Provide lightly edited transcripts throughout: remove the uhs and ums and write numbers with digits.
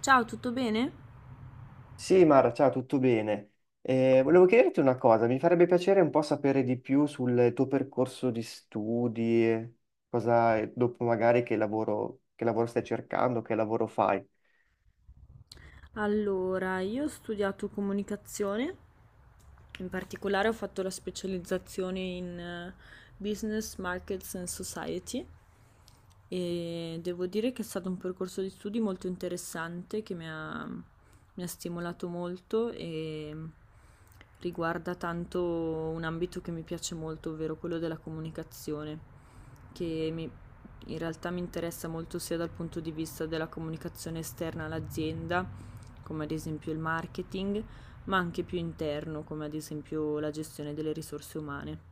Ciao, tutto bene? Sì, Mara, ciao, tutto bene. Volevo chiederti una cosa, mi farebbe piacere un po' sapere di più sul tuo percorso di studi, cosa dopo magari che lavoro stai cercando, che lavoro fai. Allora, io ho studiato comunicazione, in particolare ho fatto la specializzazione in Business, Markets and Society e devo dire che è stato un percorso di studi molto interessante che mi ha stimolato molto e riguarda tanto un ambito che mi piace molto, ovvero quello della comunicazione, che mi- in realtà mi interessa molto sia dal punto di vista della comunicazione esterna all'azienda, come ad esempio il marketing, ma anche più interno, come ad esempio la gestione delle risorse umane.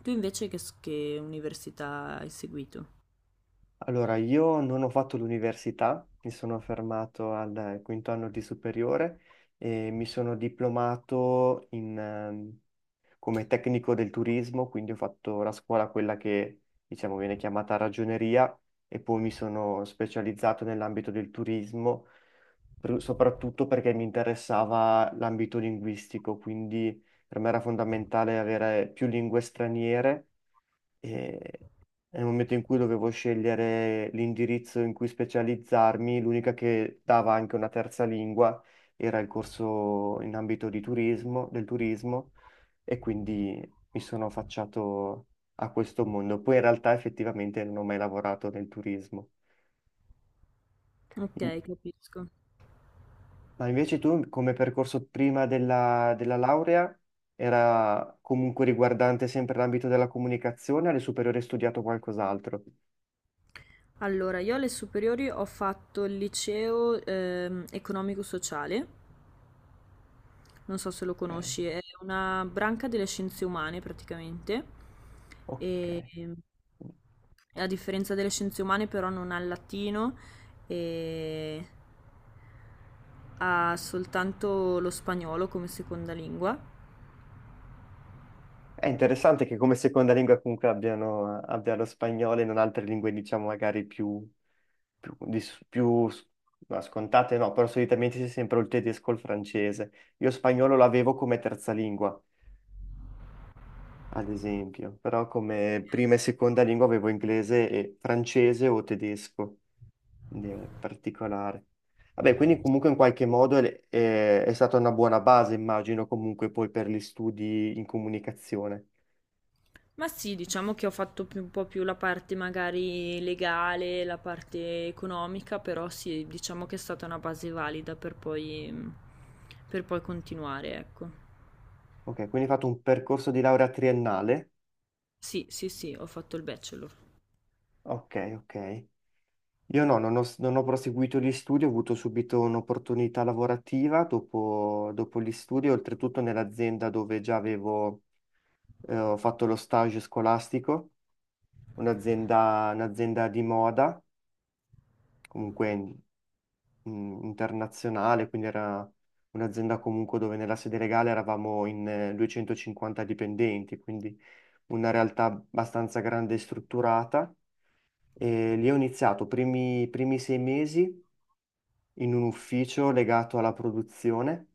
Tu invece che università hai seguito? Allora, io non ho fatto l'università, mi sono fermato al quinto anno di superiore e mi sono diplomato in, come tecnico del turismo, quindi ho fatto la scuola, quella che diciamo viene chiamata ragioneria, e poi mi sono specializzato nell'ambito del turismo, soprattutto perché mi interessava l'ambito linguistico, quindi per me era fondamentale avere più lingue straniere e nel momento in cui dovevo scegliere l'indirizzo in cui specializzarmi, l'unica che dava anche una terza lingua era il corso in ambito di turismo, del turismo e quindi mi sono affacciato a questo mondo. Poi in realtà effettivamente non ho mai lavorato nel turismo. Ok, In- capisco. Ma invece tu come percorso prima della laurea era comunque riguardante sempre l'ambito della comunicazione, alle superiori hai studiato qualcos'altro? Allora, io alle superiori ho fatto il liceo economico-sociale, non so se lo Ok. conosci, è una branca delle scienze umane praticamente, Ok. e a differenza delle scienze umane però non ha il latino e ha soltanto lo spagnolo come seconda lingua. È interessante che come seconda lingua comunque abbiano, abbia lo spagnolo e non altre lingue, diciamo, magari più, di- più s- no, scontate no, però solitamente c'è sempre o il tedesco o il francese. Io spagnolo l'avevo come terza lingua, ad esempio, però come prima e seconda lingua avevo inglese e francese o tedesco, quindi è particolare. Vabbè, quindi comunque in qualche modo è stata una buona base, immagino, comunque poi per gli studi in comunicazione. Ma sì, diciamo che ho fatto un po' più la parte magari legale, la parte economica, però sì, diciamo che è stata una base valida per poi continuare, ecco. Ok, quindi hai fatto un percorso di laurea triennale? Sì, sì, sì, ho fatto il bachelor. Ok, ok. Io no, non ho proseguito gli studi, ho avuto subito un'opportunità lavorativa dopo gli studi, oltretutto nell'azienda dove già avevo ho fatto lo stage scolastico, un'azienda di moda, comunque internazionale, quindi era un'azienda comunque dove nella sede legale eravamo in 250 dipendenti, quindi una realtà abbastanza grande e strutturata. E lì ho iniziato i primi sei mesi in un ufficio legato alla produzione,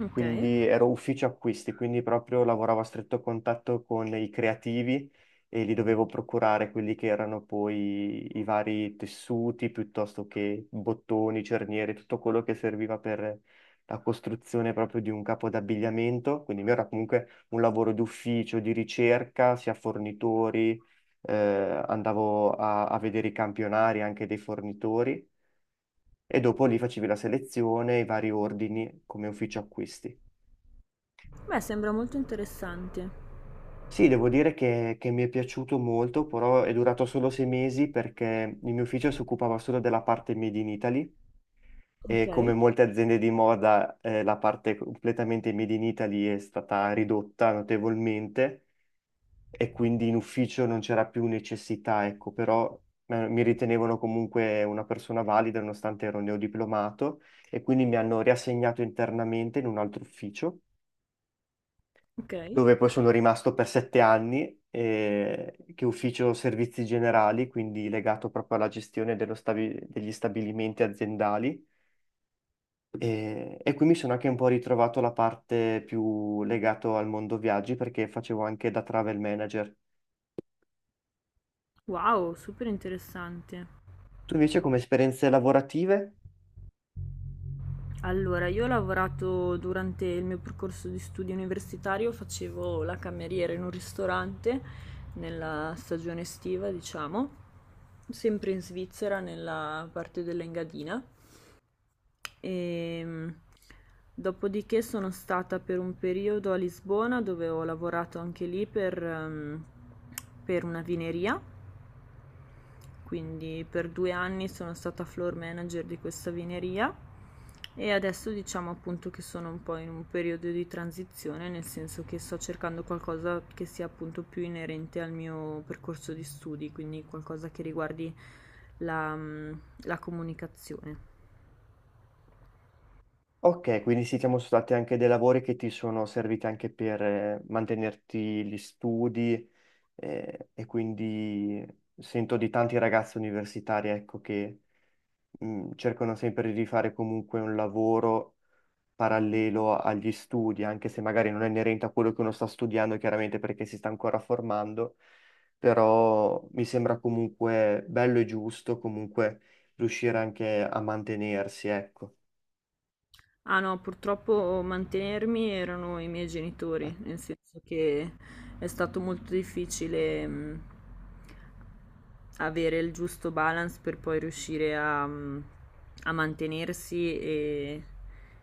Ok. quindi ero ufficio acquisti, quindi proprio lavoravo a stretto contatto con i creativi e li dovevo procurare quelli che erano poi i vari tessuti, piuttosto che bottoni, cerniere, tutto quello che serviva per la costruzione proprio di un capo d'abbigliamento, quindi il mio era comunque un lavoro d'ufficio, di ricerca, sia fornitori, eh, andavo a vedere i campionari anche dei fornitori e dopo lì facevi la selezione, i vari ordini come ufficio acquisti. Beh, sembra molto interessante. Sì, devo dire che mi è piaciuto molto, però è durato solo sei mesi perché il mio ufficio si occupava solo della parte Made in Italy Ok, e come molte aziende di moda la parte completamente Made in Italy è stata ridotta notevolmente e quindi in ufficio non c'era più necessità, ecco, però mi ritenevano comunque una persona valida nonostante ero neodiplomato e quindi mi hanno riassegnato internamente in un altro ufficio ok. dove poi sono rimasto per sette anni, che ufficio servizi generali, quindi legato proprio alla gestione dello degli stabilimenti aziendali. E qui mi sono anche un po' ritrovato la parte più legata al mondo viaggi perché facevo anche da travel manager. Wow, super interessante. Tu invece come esperienze lavorative? Allora, io ho lavorato durante il mio percorso di studio universitario, facevo la cameriera in un ristorante nella stagione estiva, diciamo, sempre in Svizzera, nella parte dell'Engadina. E dopodiché sono stata per un periodo a Lisbona dove ho lavorato anche lì per una vineria, quindi per 2 anni sono stata floor manager di questa vineria e adesso diciamo appunto che sono un po' in un periodo di transizione, nel senso che sto cercando qualcosa che sia appunto più inerente al mio percorso di studi, quindi qualcosa che riguardi la, mm, la comunicazione. Ok, quindi sì, siamo stati anche dei lavori che ti sono serviti anche per mantenerti gli studi e quindi sento di tanti ragazzi universitari, ecco, che cercano sempre di fare comunque un lavoro parallelo agli studi, anche se magari non è inerente a quello che uno sta studiando, chiaramente perché si sta ancora formando, però mi sembra comunque bello e giusto comunque riuscire anche a mantenersi, ecco. Ah no, purtroppo mantenermi erano i miei genitori, Un nel senso che è stato molto difficile, avere il giusto balance per poi riuscire a mantenersi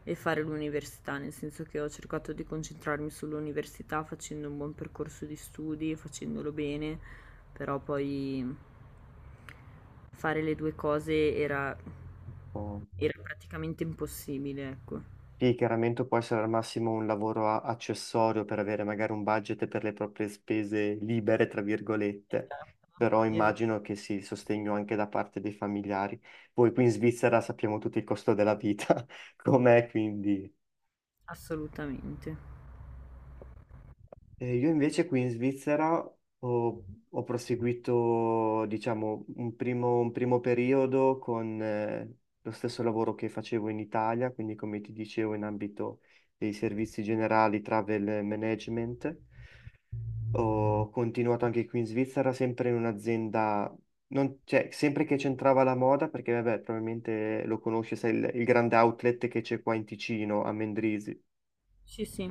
e fare l'università, nel senso che ho cercato di concentrarmi sull'università facendo un buon percorso di studi, facendolo bene, però poi fare le due po'. era praticamente impossibile, ecco. Sì, chiaramente può essere al massimo un lavoro accessorio per avere magari un budget per le proprie spese libere, tra virgolette, Esatto, però esa immagino che sì, il sostegno anche da parte dei familiari. Poi qui in Svizzera sappiamo tutto il costo della vita, com'è, quindi. assolutamente. Io invece qui in Svizzera ho, ho proseguito, diciamo, un primo periodo con lo stesso lavoro che facevo in Italia, quindi come ti dicevo in ambito dei servizi generali, travel management. Ho continuato anche qui in Svizzera, sempre in un'azienda, cioè, sempre che c'entrava la moda, perché vabbè, probabilmente lo conosci, sai, il grande outlet che c'è qua in Ticino, a Mendrisio. Sì, sì,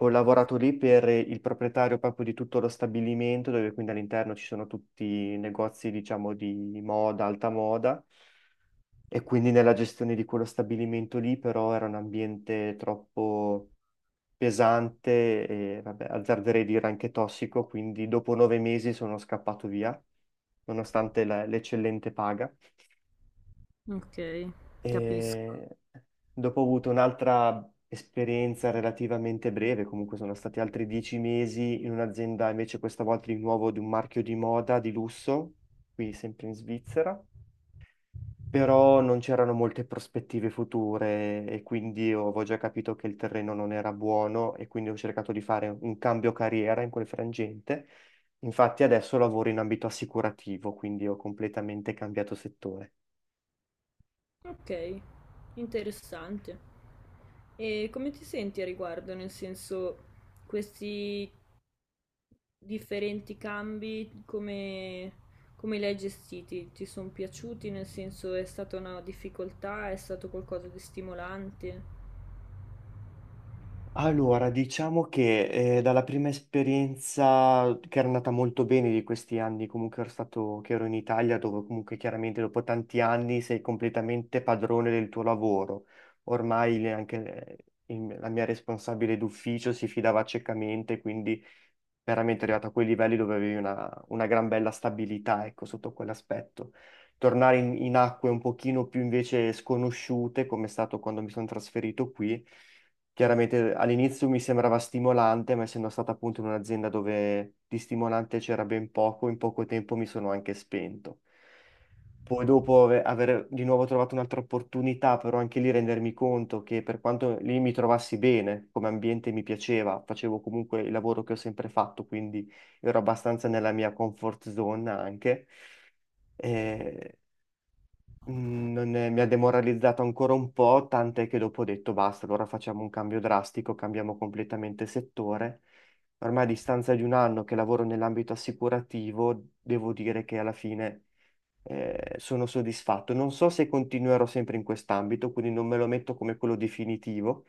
Ho lavorato lì per il proprietario proprio di tutto lo stabilimento, dove quindi all'interno ci sono tutti i negozi, diciamo, di moda, alta moda, e quindi nella gestione di quello stabilimento lì, però era un ambiente troppo pesante e, vabbè, azzarderei dire anche tossico, quindi dopo nove mesi sono scappato via, nonostante l'eccellente paga. okay, capisco. E dopo ho avuto un'altra esperienza relativamente breve, comunque sono stati altri dieci mesi in un'azienda, invece questa volta di nuovo di un marchio di moda di lusso, qui sempre in Svizzera, però non c'erano molte prospettive future e quindi io avevo già capito che il terreno non era buono e quindi ho cercato di fare un cambio carriera in quel frangente. Infatti adesso lavoro in ambito assicurativo, quindi ho completamente cambiato settore. Okay, interessante. E come ti senti a riguardo? Nel senso, questi differenti come li hai gestiti? Ti sono piaciuti? Nel senso, è stata una difficoltà? È stato qualcosa di stimolante? Allora, diciamo che dalla prima esperienza che era andata molto bene di questi anni, comunque ero stato, che ero in Italia, dove comunque chiaramente dopo tanti anni sei completamente padrone del tuo lavoro. Ormai anche la mia responsabile d'ufficio si fidava ciecamente, quindi veramente arrivato a quei livelli dove avevi una gran bella stabilità, ecco, sotto quell'aspetto. Tornare in acque un pochino più invece sconosciute, come è stato quando mi sono trasferito qui, chiaramente all'inizio mi sembrava stimolante, ma essendo stato appunto in un'azienda dove di stimolante c'era ben poco, in poco tempo mi sono anche spento. Poi dopo aver di nuovo trovato un'altra opportunità, però anche lì rendermi conto che per quanto lì mi trovassi bene, come ambiente mi piaceva, facevo comunque il lavoro che ho sempre fatto, quindi ero abbastanza nella mia comfort zone anche. Eh, non è- mi ha demoralizzato ancora un po', tant'è che dopo ho detto basta, allora facciamo un cambio drastico, cambiamo completamente settore. Ormai a distanza di un anno che lavoro nell'ambito assicurativo, devo dire che alla fine sono soddisfatto. Non so se continuerò sempre in quest'ambito, quindi non me lo metto come quello definitivo,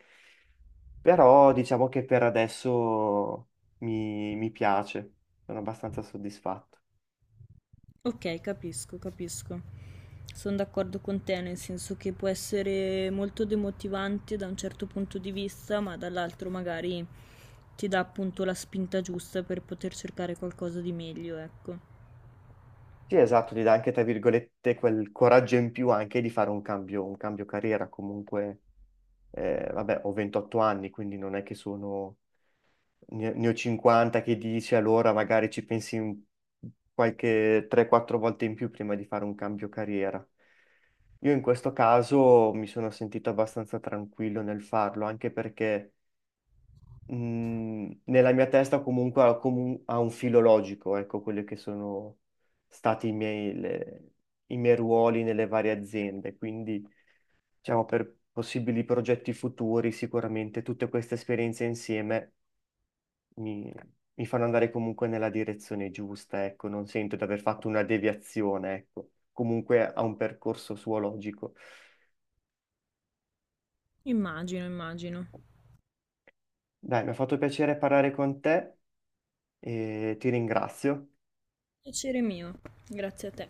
però diciamo che per adesso mi piace, sono abbastanza soddisfatto. Okay, capisco, capisco. Son d'accordo con te, nel senso che può essere molto demotivante da un certo punto di vista, ma dall'altro magari ti dà appunto la spinta giusta per poter cercare qualcosa di meglio, ecco. Sì, esatto, ti dà anche, tra virgolette, quel coraggio in più anche di fare un cambio carriera. Comunque, vabbè, ho 28 anni, quindi non è che sono. Ne ho 50 che dici, allora magari ci pensi qualche 3-4 volte in più prima di fare un cambio carriera. Io in questo caso mi sono sentito abbastanza tranquillo nel farlo, anche perché nella mia testa comunque ha un filo logico, ecco, quelli che sono stati i miei ruoli nelle varie aziende. Quindi, diciamo, per possibili progetti futuri, sicuramente tutte queste esperienze insieme mi, mi fanno andare comunque nella direzione giusta, ecco, non sento di aver fatto una deviazione, ecco, comunque ha un percorso suo logico. Immagino, immagino. Dai, mi ha fatto piacere parlare con te e ti ringrazio. Piacere mio, grazie a te.